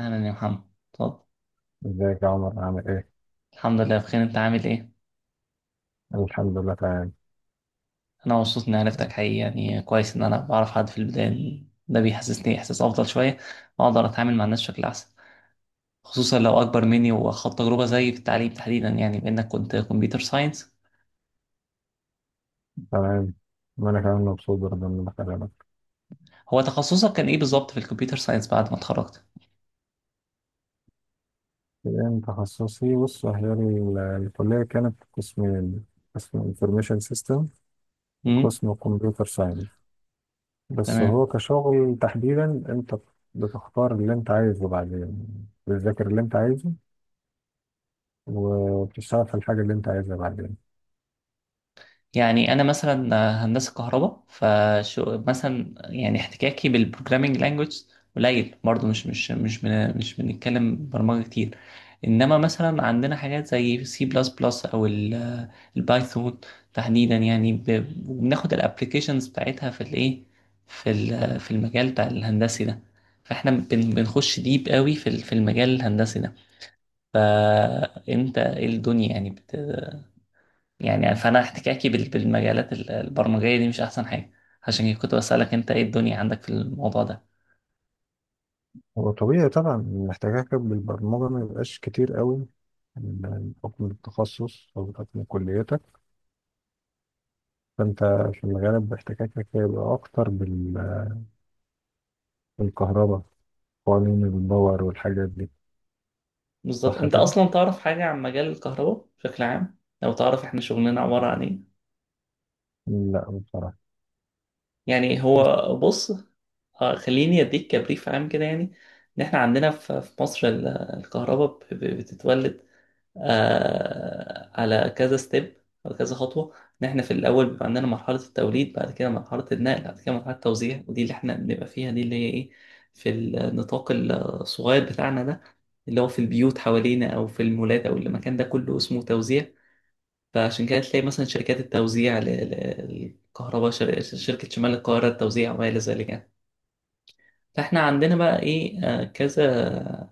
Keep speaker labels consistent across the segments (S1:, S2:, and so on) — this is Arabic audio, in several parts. S1: أهلا يا محمد. اتفضل.
S2: ازيك يا عمر، عامل ايه؟
S1: الحمد لله بخير، أنت عامل إيه؟
S2: الحمد لله، تمام.
S1: أنا مبسوط إني عرفتك حقيقي، يعني كويس إن أنا بعرف حد في البداية، ده بيحسسني إحساس أفضل شوية وأقدر أتعامل مع الناس بشكل أحسن، خصوصا لو أكبر مني وخد تجربة زيي في التعليم تحديدا، يعني بإنك كنت كمبيوتر ساينس.
S2: تمام. وانا كمان مبسوط برضه اني بكلمك.
S1: هو تخصصك كان إيه بالظبط في الكمبيوتر ساينس بعد ما اتخرجت؟
S2: إيه تخصصي؟ بص، هي الكلية كانت قسمين: قسم انفورميشن سيستم،
S1: امم.
S2: وقسم كمبيوتر ساينس. بس
S1: تمام.
S2: هو كشغل تحديدا، انت بتختار اللي انت عايزه بعدين، بتذاكر اللي انت عايزه، وبتشتغل في الحاجة اللي انت عايزها بعدين.
S1: يعني انا مثلا هندسه كهرباء فشو مثلا، يعني احتكاكي بالبروجرامينج لانجويج قليل برضه، مش بنتكلم برمجه كتير. انما مثلا عندنا حاجات زي سي بلس بلس او البايثون تحديدا، يعني بناخد الابلكيشنز بتاعتها في الايه، في في المجال بتاع الهندسي ده. فاحنا بنخش ديب قوي في في المجال الهندسي ده. انت ايه الدنيا يعني؟ يعني فانا احتكاكي بالمجالات البرمجيه دي مش احسن حاجه، عشان كده كنت بسالك انت ايه الدنيا عندك في الموضوع ده.
S2: هو طبيعي طبعا، محتاجك بالبرمجة ما يبقاش كتير قوي بحكم التخصص أو بحكم كليتك. فأنت في الغالب احتكاكك هيبقى أكتر بالكهرباء، قوانين الباور والحاجات دي.
S1: بالظبط،
S2: صح
S1: انت
S2: كده؟
S1: اصلا تعرف حاجه عن مجال الكهرباء بشكل عام؟ لو تعرف احنا شغلنا عباره عن ايه.
S2: لا، بصراحة.
S1: يعني هو بص، خليني اديك كبريف عام كده، يعني ان احنا عندنا في مصر الكهرباء بتتولد آه على كذا ستيب او كذا خطوه. ان احنا في الاول بيبقى عندنا مرحله التوليد، بعد كده مرحله النقل، بعد كده مرحله التوزيع، ودي اللي احنا بنبقى فيها، دي اللي هي ايه، في النطاق الصغير بتاعنا ده اللي هو في البيوت حوالينا او في المولات او المكان ده كله اسمه توزيع. فعشان كده تلاقي مثلا شركات التوزيع للكهرباء، شركه شمال القاهره التوزيع وما الى ذلك يعني. فاحنا عندنا بقى ايه كذا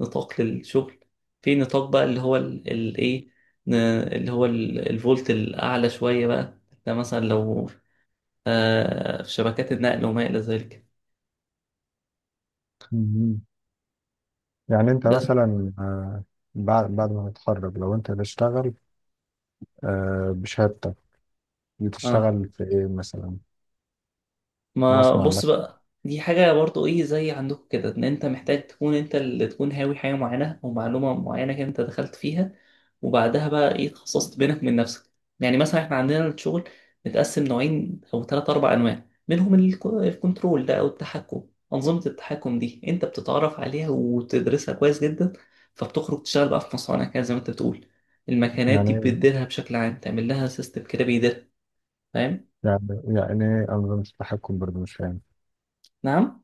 S1: نطاق للشغل. في نطاق بقى اللي هو الايه، اللي هو الفولت الاعلى شويه بقى، ده مثلا لو آه في شبكات النقل وما الى ذلك.
S2: مهم. يعني أنت
S1: بس
S2: مثلا، بعد ما تتخرج، لو أنت هتشتغل بشهادتك،
S1: اه،
S2: بتشتغل في إيه مثلا؟
S1: ما
S2: مصنع
S1: بص
S2: مثلا؟
S1: بقى، دي حاجة برضو ايه زي عندكم كده، ان انت محتاج تكون انت اللي تكون هاوي حاجة معينة او معلومة معينة كده انت دخلت فيها. وبعدها بقى ايه تخصصت بينك من نفسك. يعني مثلا احنا عندنا الشغل متقسم نوعين او ثلاث اربع انواع، منهم الكنترول ده او التحكم. انظمة التحكم دي انت بتتعرف عليها وتدرسها كويس جدا، فبتخرج تشتغل بقى في مصانع كده زي ما انت بتقول. المكانات
S2: يعني
S1: دي
S2: إيه؟
S1: بتديرها بشكل عام، تعمل لها سيستم كده بيديرها. فاهم؟
S2: يعني إيه أنظمة التحكم؟ برضه مش فاهم.
S1: نعم،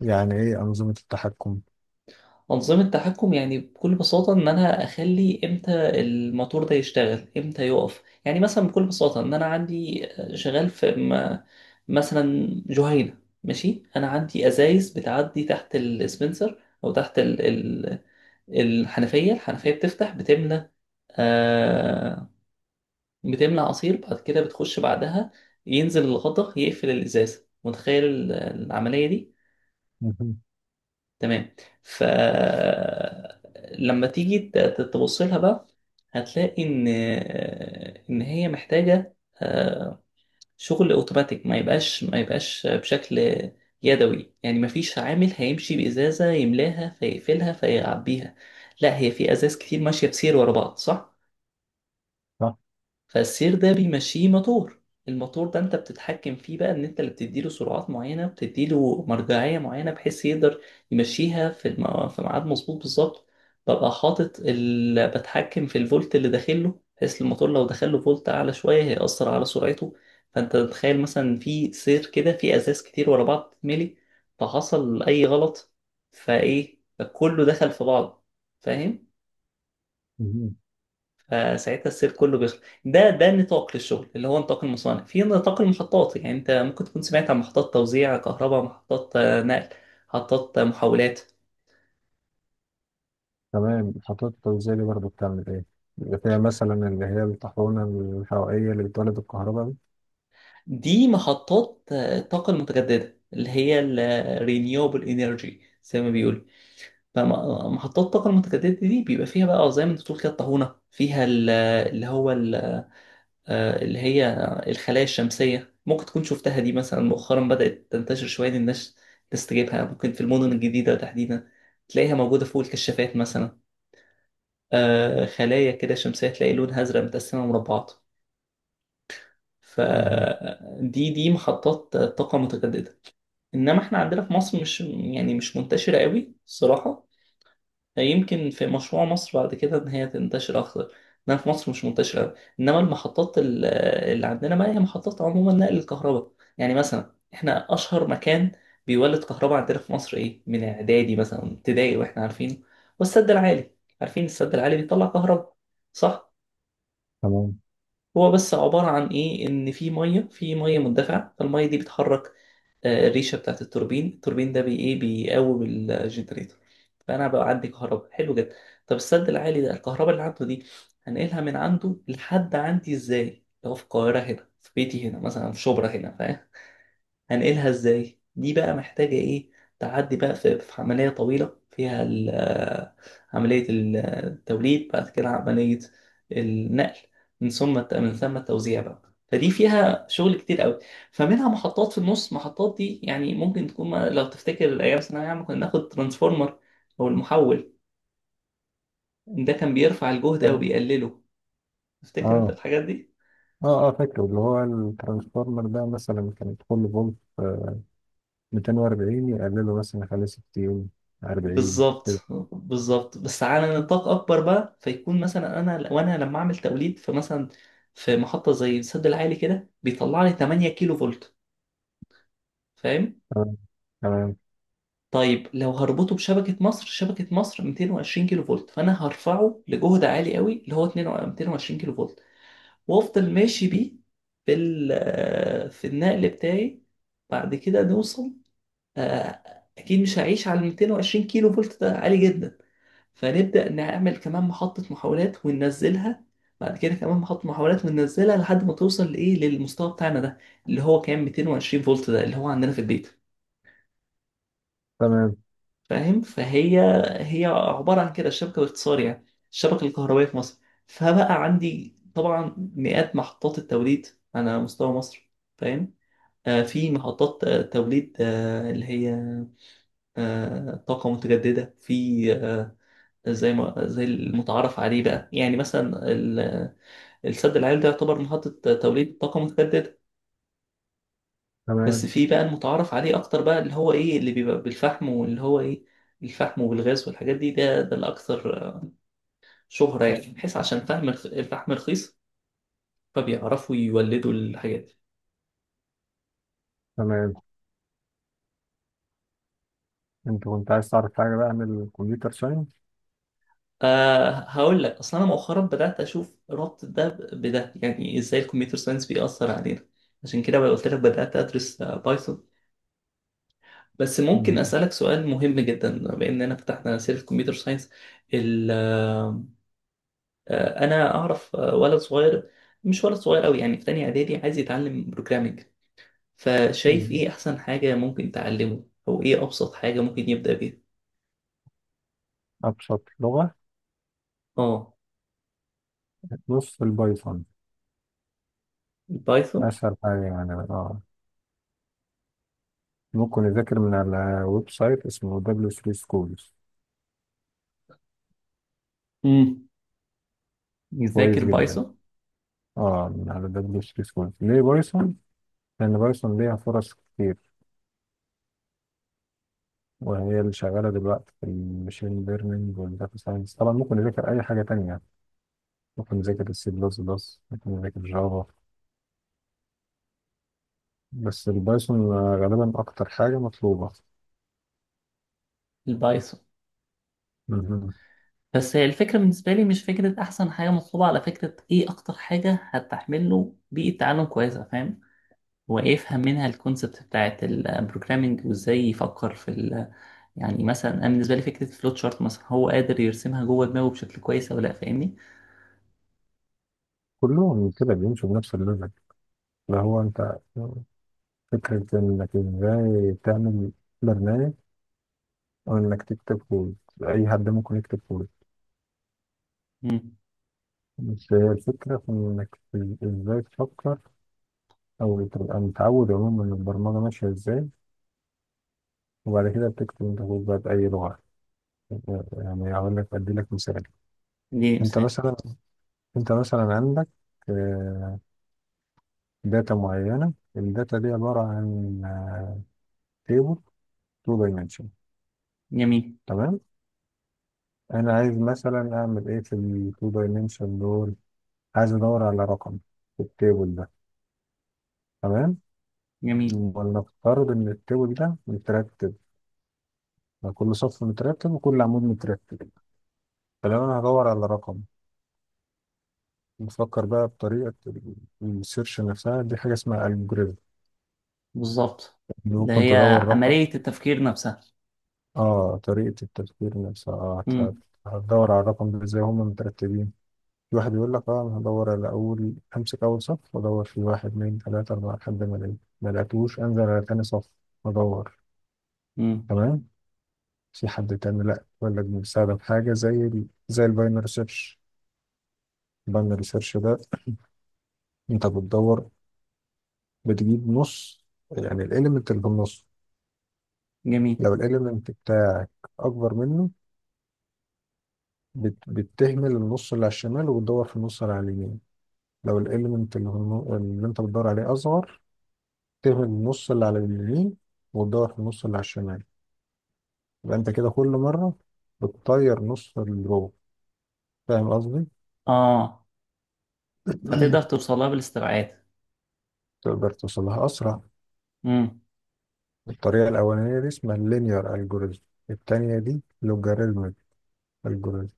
S2: يعني إيه أنظمة التحكم؟
S1: أنظمة تحكم يعني بكل بساطة إن أنا أخلي إمتى الموتور ده يشتغل إمتى يقف، يعني مثلا بكل بساطة إن أنا عندي شغال في مثلا جهينة، ماشي. أنا عندي أزايز بتعدي تحت السبنسر أو تحت الحنفية، الحنفية بتفتح بتملى، آه، بتملى عصير، بعد كده بتخش بعدها ينزل الغطا يقفل الإزازة، متخيل العملية دي؟
S2: مهم.
S1: تمام. ف لما تيجي تبص لها بقى هتلاقي ان هي محتاجه آه، شغل اوتوماتيك، ما يبقاش بشكل يدوي، يعني ما فيش عامل هيمشي بازازه يملاها فيقفلها فيعبيها. لا، هي في ازاز كتير ماشيه بسير ورا بعض، صح؟
S2: صح؟
S1: فالسير ده بيمشيه موتور. الموتور ده انت بتتحكم فيه بقى، ان انت اللي بتديله سرعات معينه، بتديله مرجعيه معينه بحيث يقدر يمشيها في في ميعاد مظبوط بالظبط. ببقى حاطط بتحكم في الفولت اللي داخله، بحيث الموتور لو دخله فولت اعلى شويه هيأثر على سرعته. فانت تتخيل مثلا في سير كده في ازاز كتير ورا بعض تتملي، فحصل اي غلط، فايه، فكله دخل في بعض. فاهم؟
S2: مهم.
S1: فساعتها السير كله بيخلص. ده ده نطاق للشغل اللي هو نطاق المصانع. في نطاق المحطات، يعني انت ممكن تكون سمعت عن محطات توزيع كهرباء، محطات نقل، محطات محولات.
S2: تمام. خطوات التوزيع دي برضه بتعمل إيه؟ بيبقى فيها مثلا اللي هي الطاحونة الحرارية اللي بتولد الكهرباء دي؟
S1: دي محطات الطاقة المتجددة اللي هي ال آه، renewable energy زي ما بيقولوا. فمحطات الطاقة المتجددة دي بيبقى فيها بقى زي ما انت بتقول كده، الطاحونة فيها اللي هو اللي هي الخلايا الشمسية. ممكن تكون شفتها دي مثلا، مؤخرا بدأت تنتشر شوية إن الناس تستجيبها، ممكن في المدن الجديدة تحديدا تلاقيها موجودة فوق الكشافات مثلا، خلايا كده شمسية تلاقي لونها أزرق متقسمة مربعات.
S2: مهم.
S1: فدي دي محطات طاقة متجددة. إنما إحنا عندنا في مصر مش، يعني مش منتشرة قوي الصراحة. يمكن في مشروع مصر بعد كده ان هي تنتشر اكتر، انها في مصر مش منتشره أوي. انما المحطات اللي عندنا بقى هي محطات عموما نقل الكهرباء. يعني مثلا احنا اشهر مكان بيولد كهرباء عندنا في مصر ايه، من اعدادي مثلا ابتدائي واحنا عارفينه، والسد العالي. عارفين السد العالي بيطلع كهرباء، صح؟
S2: تمام.
S1: هو بس عباره عن ايه، ان في ميه، في ميه مندفعه، فالميه دي بتحرك الريشه بتاعت التوربين، التوربين ده بي ايه، بيقوم الجنريتور. فانا بقى عندي كهرباء، حلو جدا. طب السد العالي ده الكهرباء اللي عنده دي هنقلها من عنده لحد عندي ازاي، لو في القاهره هنا في بيتي هنا مثلا في شبرا هنا، فاهم؟ هنقلها ازاي، دي بقى محتاجة ايه، تعدي بقى في عملية طويلة فيها عملية التوليد، بعد كده عملية النقل، من ثم التوزيع بقى. فدي فيها شغل كتير قوي. فمنها محطات في النص، محطات دي يعني ممكن تكون لو تفتكر ايام ثانويه عامه كنا ناخد ترانسفورمر او المحول، ده كان بيرفع الجهد او
S2: تمام.
S1: بيقلله. تفتكر انت
S2: آه.
S1: الحاجات دي؟
S2: آه. آه، فاكره. اللي هو الترانسفورمر ده مثلا، كان كل فولت 240 يقلله مثلا، يخليه 60، 40، كده.
S1: بالظبط، بالظبط بس على نطاق اكبر بقى. فيكون مثلا انا، وانا لما اعمل توليد في مثلا في محطه زي السد العالي كده بيطلع لي 8 كيلو فولت، فاهم؟
S2: تمام. تمام.
S1: طيب لو هربطه بشبكه مصر، شبكه مصر 220 كيلو فولت، فانا هرفعه لجهد عالي قوي اللي هو 22 220 كيلو فولت، وافضل ماشي بيه في في النقل بتاعي. بعد كده نوصل، آه، اكيد مش هعيش على 220 كيلو فولت، ده عالي جدا. فنبدأ نعمل كمان محطة محاولات وننزلها، بعد كده كمان محطة محاولات وننزلها لحد ما توصل لإيه، للمستوى بتاعنا ده اللي هو كان 220 فولت، ده اللي هو عندنا في البيت.
S2: تمام.
S1: فاهم؟ فهي، هي عبارة عن كده الشبكة باختصار يعني، الشبكة الكهربائية في مصر. فبقى عندي طبعا مئات محطات التوليد على مستوى مصر، فاهم؟ آه في محطات توليد آه اللي هي آه طاقة متجددة، في زي ما، زي المتعارف عليه بقى، يعني مثلا السد العالي ده يعتبر محطة توليد طاقة متجددة. بس
S2: تمام.
S1: في بقى المتعارف عليه أكتر بقى، اللي هو إيه، اللي بيبقى بالفحم واللي هو إيه، الفحم والغاز والحاجات دي، ده ده الأكثر شهرة يعني، بحيث عشان فحم الفحم رخيص، فبيعرفوا يولدوا الحاجات دي.
S2: تمام. أنت كنت عايز تعرف حاجة بقى عن الكمبيوتر ساينس؟
S1: أه، هقول لك، أصلا أنا مؤخرا بدأت أشوف ربط ده بده، يعني إزاي الكمبيوتر ساينس بيأثر علينا، عشان كده بقى قلت لك بدأت أدرس بايثون. بس ممكن
S2: مهم.
S1: أسألك سؤال مهم جدا بما إننا فتحنا سيرة كمبيوتر ساينس، ال- آه، أنا أعرف ولد صغير، مش ولد صغير أوي يعني، في تانية إعدادي عايز يتعلم بروجرامينج، فشايف
S2: مهم.
S1: إيه أحسن حاجة ممكن تعلمه أو إيه أبسط حاجة ممكن يبدأ بيها؟
S2: أبسط لغة،
S1: آه.
S2: نص البايثون.
S1: البايثون.
S2: أسهل حاجة يعني، آه. ممكن يذاكر من على ويب سايت اسمه دبليو 3 سكولز.
S1: امم. يذاكر
S2: كويس جدا.
S1: بايثون.
S2: اه، من على دبليو 3 سكولز. ليه بايثون؟ لأن بايثون ليها فرص كتير، وهي اللي شغالة دلوقتي في المشين ليرنينج والداتا ساينس. طبعا ممكن يذاكر أي حاجة تانية، ممكن يذاكر السي بلس بلس، ممكن يذاكر جافا، بس البايثون غالبا أكتر حاجة مطلوبة.
S1: البايثون.
S2: مهم.
S1: بس هي الفكرة بالنسبة لي مش فكرة أحسن حاجة مطلوبة، على فكرة إيه أكتر حاجة هتحمل له بيئة تعلم كويسة، فاهم؟ ويفهم منها الكونسبت بتاعت البروجرامينج، وازاي يفكر في ال، يعني مثلا انا بالنسبه لي فكره الفلوت شارت مثلا هو قادر يرسمها جوه دماغه بشكل كويس او لا، فاهمني؟
S2: كلهم كده بيمشوا بنفس الليفل. اللي هو أنت، فكرة إنك إزاي تعمل برنامج، أو إنك تكتب كود. أي حد ممكن يكتب كود،
S1: امم.
S2: بس هي الفكرة في إنك إزاي تفكر، أو تبقى متعود عموما إن البرمجة ماشية إزاي. وبعد كده بتكتب أنت كود بقى بأي لغة. يعني أقول لك، أدي لك مثال.
S1: دي
S2: أنت
S1: مثال.
S2: مثلا، أنت مثلا عندك آه، داتا معينة. الداتا دي عبارة عن تيبل 2 دايمنشن.
S1: جميل.
S2: تمام. أنا عايز مثلا أعمل إيه في ال 2 دايمنشن دول؟ عايز أدور على رقم في التيبل ده. تمام.
S1: جميل.
S2: ولنفترض ان التيبل ده مترتب، يعني كل صف مترتب وكل عمود مترتب. فلو انا هدور على رقم، بفكر بقى بطريقه السيرش نفسها. دي حاجه اسمها الجوريزم.
S1: بالظبط، اللي
S2: ممكن
S1: هي
S2: تدور رقم.
S1: عمليه التفكير نفسها.
S2: اه، طريقه التفكير نفسها، اه،
S1: امم.
S2: هتدور على الرقم ده ازاي، هما مترتبين. في واحد يقول لك اه، انا هدور على اول، امسك اول صف وادور في واحد، اتنين، تلاته، اربعه، لحد ما الاقي. ما لقيتوش، انزل على تاني صف وادور.
S1: امم.
S2: تمام. في حد تاني لا، يقول لك بنساعدك بحاجة زي زي الباينري سيرش. الباينري سيرش ده، انت بتدور، بتجيب نص، يعني الاليمنت اللي بالنص.
S1: جميل.
S2: لو الاليمنت بتاعك اكبر منه، بتهمل النص اللي على الشمال، وبتدور في النص اللي على اليمين. لو الاليمنت اللي انت بتدور عليه اصغر، تهمل النص اللي على اليمين، وتدور في النص اللي على الشمال. يبقى انت كده كل مرة بتطير نص الرو. فاهم قصدي؟
S1: اه، فتقدر توصلها بالاستبعاد.
S2: تقدر توصلها أسرع.
S1: امم.
S2: الطريقة الأولانية دي اسمها اللينير الجوريزم. التانية دي لوجاريتمك الجوريزم.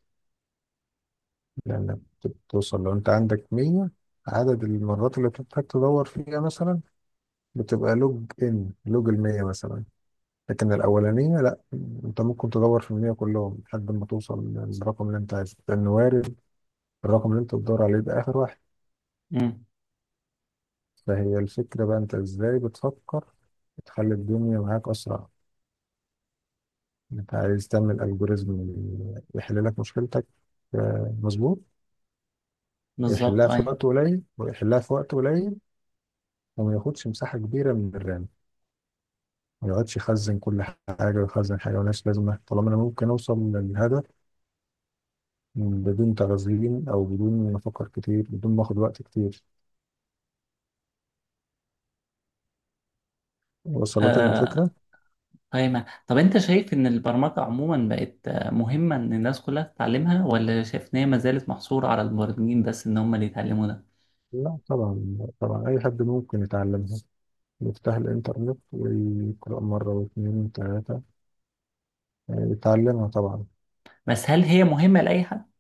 S2: لأنك بتوصل، لو أنت عندك 100، عدد المرات اللي بتحتاج تدور فيها مثلا بتبقى لوج، إن لوج المية مثلا. لكن الأولانية لأ، أنت ممكن تدور في المية كلهم لحد ما توصل للرقم اللي أنت عايزه، لأنه وارد الرقم اللي أنت بتدور عليه ده آخر واحد.
S1: امم.
S2: فهي الفكرة بقى، أنت إزاي بتفكر تخلي الدنيا معاك أسرع. انت عايز تعمل الجوريزم يحل لك مشكلتك. مظبوط.
S1: بالظبط،
S2: يحلها في وقت
S1: ايوه.
S2: قليل، ويحلها في وقت قليل، وما ياخدش مساحه كبيره من الرام، ما يقعدش يخزن كل حاجه، ويخزن حاجه ملهاش لازمه، طالما انا ممكن اوصل للهدف بدون تخزين، او بدون ما افكر كتير، بدون ما اخد وقت كتير. وصلتك
S1: آه،
S2: الفكره؟
S1: طيب طب انت شايف ان البرمجة عموما بقت مهمة ان الناس كلها تتعلمها، ولا شايف ان هي ما زالت محصورة على المبرمجين بس ان هم اللي يتعلموا ده؟
S2: لا طبعا، طبعا، اي حد ممكن يتعلمها. يفتح الانترنت ويقرا مره واثنين وثلاثه، يتعلمها طبعا.
S1: بس هل هي مهمة لأي حد؟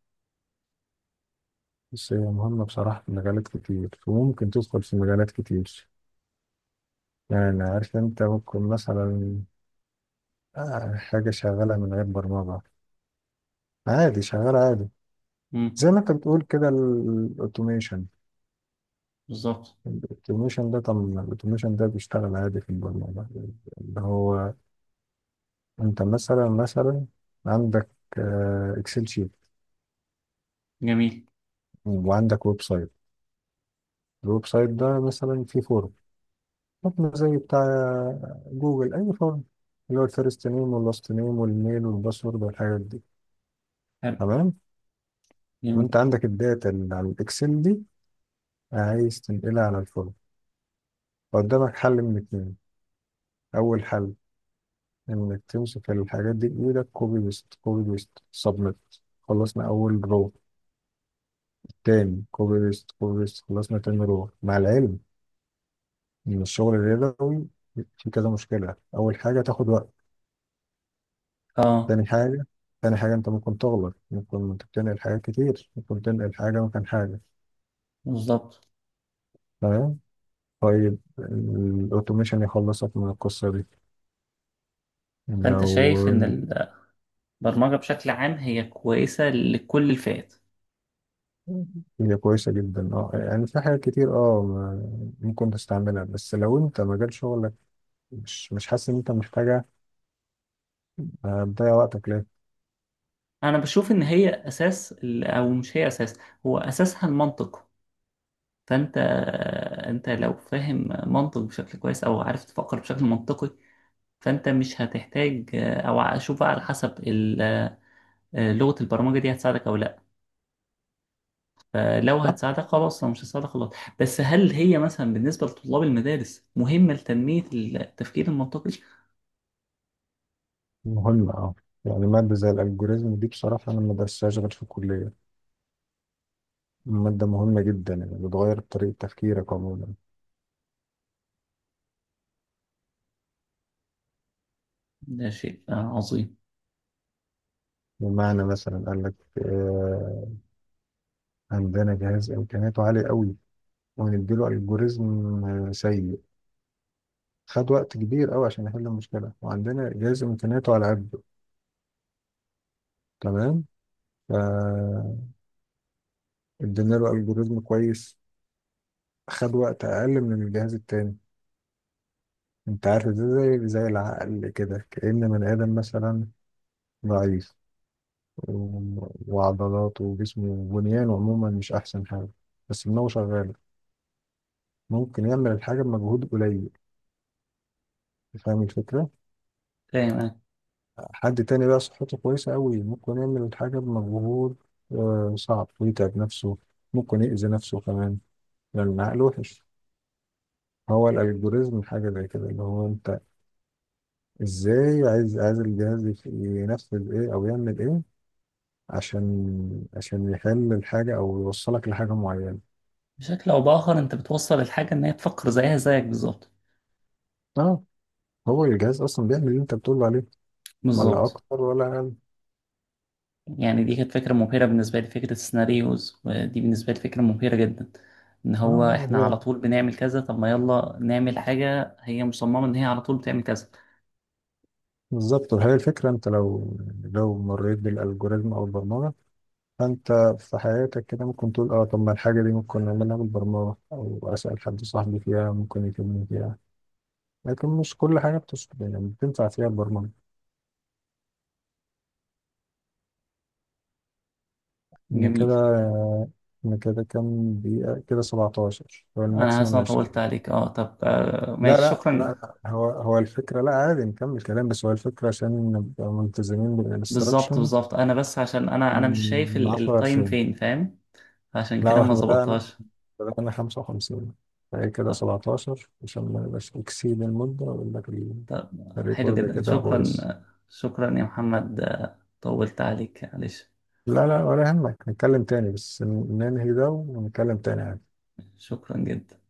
S2: بس هي مهمة بصراحة في مجالات كتير، وممكن تدخل في مجالات كتير. يعني عارف، انت ممكن مثلا حاجة شغالة من غير برمجة، عادي، شغالة عادي.
S1: امم.
S2: زي ما انت بتقول كده، الاوتوميشن.
S1: بالظبط.
S2: الاوتوميشن ده، طب الاوتوميشن ده بيشتغل عادي في البرمجة. اللي هو، انت مثلا عندك اكسل شيت،
S1: جميل.
S2: وعندك ويب سايت. الويب سايت ده مثلا فيه فورم، حطنا زي بتاع جوجل، أي فورم، اللي هو الفيرست نيم واللاست نيم والميل والباسورد والحاجات دي.
S1: حلو.
S2: تمام.
S1: جميل.
S2: وأنت عندك الداتا اللي على الإكسل دي، عايز تنقلها على الفورم. فقدامك حل من اتنين: أول حل، إنك تمسك الحاجات دي بإيدك، كوبي بيست، كوبي بيست، سبميت. خلصنا أول رو. تاني، كوبي بيست، كوبي بيست، خلصنا تاني رو. مع العلم إن الشغل اليدوي فيه كذا مشكلة. أول حاجة، تاخد وقت.
S1: اه.
S2: تاني حاجة، أنت ممكن تغلط، ممكن تنقل حاجات كتير، ممكن تنقل حاجة مكان حاجة.
S1: بالظبط.
S2: تمام. طيب، الأوتوميشن يخلصك من القصة دي.
S1: فانت
S2: لو.
S1: شايف ان البرمجة بشكل عام هي كويسة لكل الفئات.
S2: هي كويسة جدا، اه، يعني في حاجات كتير، اه، ممكن تستعملها، بس لو أنت مجال شغلك مش حاسس إن أنت محتاجها، تضيع وقتك ليه؟
S1: انا بشوف ان هي اساس او مش هي اساس، هو اساسها المنطق. فانت، انت لو فاهم منطق بشكل كويس او عارف تفكر بشكل منطقي، فانت مش هتحتاج او اشوف بقى على حسب لغة البرمجة دي هتساعدك او لا، فلو
S2: صح؟
S1: هتساعدك خلاص، لو مش هتساعدك خلاص. بس هل هي مثلا بالنسبة لطلاب المدارس مهمة لتنمية التفكير المنطقي؟
S2: مهمة، اه. يعني مادة زي الألجوريزم دي بصراحة أنا ما درستهاش غير في الكلية. مادة مهمة جدا، يعني بتغير طريقة تفكيرك عموما.
S1: ده شيء عظيم.
S2: بمعنى، مثلا قال لك آه، عندنا جهاز امكانياته عاليه قوي، وهنديله الجوريزم سيء، خد وقت كبير قوي عشان يحل المشكله. وعندنا جهاز امكانياته على قده، تمام، فادينا له الجوريزم كويس، خد وقت اقل من الجهاز التاني. انت عارف ده زي، العقل كده، كأن بني ادم مثلا ضعيف، وعضلاته وجسمه وبنيانه عموما مش احسن حاجه، بس دماغه شغاله، ممكن يعمل الحاجه بمجهود قليل. فاهم الفكره؟
S1: فاهم أنا.
S2: حد تاني بقى صحته كويسة أوي، ممكن يعمل الحاجة بمجهود صعب، ويتعب نفسه، ممكن يأذي نفسه كمان، لأن العقل وحش. هو الألجوريزم حاجة زي كده، اللي هو أنت إزاي عايز، الجهاز ينفذ إيه، أو يعمل إيه، عشان يحل الحاجة، أو يوصلك لحاجة معينة.
S1: بشكل او باخر انت بتوصل الحاجة ان هي تفكر زيها زيك بالظبط.
S2: أه. هو الجهاز أصلا بيعمل اللي أنت بتقول عليه، ولا
S1: بالظبط.
S2: أكتر ولا أقل.
S1: يعني دي كانت فكرة مبهرة بالنسبة لي، فكرة السيناريوز ودي بالنسبة لي فكرة مبهرة جدا، ان هو
S2: أه،
S1: احنا على
S2: هي
S1: طول بنعمل كذا، طب ما يلا نعمل حاجة هي مصممة ان هي على طول بتعمل كذا.
S2: بالظبط. وهي الفكرة، أنت لو، مريت بالألجوريزم أو البرمجة، فانت في حياتك كده ممكن تقول، اه، طب ما الحاجه دي ممكن نعملها بالبرمجه، او اسال حد صاحبي فيها ممكن يفيدني فيها. لكن مش كل حاجه يعني بتنفع فيها البرمجه. ان
S1: جميل.
S2: كده، كام دقيقه كده، 17 هو
S1: انا حاسس إن
S2: الماكسيموم،
S1: انا طولت
S2: 20.
S1: عليك، اه طب آه
S2: لا
S1: ماشي،
S2: لا لا
S1: شكرا.
S2: لا، هو، الفكره، لا، عادي نكمل كلام، بس هو الفكره عشان نبقى ملتزمين
S1: بالظبط،
S2: بالانستراكشنز.
S1: بالظبط، انا بس عشان انا، انا مش شايف
S2: من 10 ل
S1: التايم
S2: 20.
S1: فين، فاهم، عشان كده
S2: لا،
S1: ما
S2: احنا بدأنا
S1: ظبطهاش.
S2: انا 55، فهي كده
S1: طب,
S2: 17، عشان ما نبقاش اكسيد المدة. اقول لك
S1: طب حلو
S2: الريكورد
S1: جدا،
S2: كده
S1: شكرا،
S2: بايظ.
S1: شكرا يا محمد، طولت عليك معلش.
S2: لا لا، ولا يهمك، نتكلم تاني، بس ننهي ده ونتكلم تاني.
S1: شكرا جدا.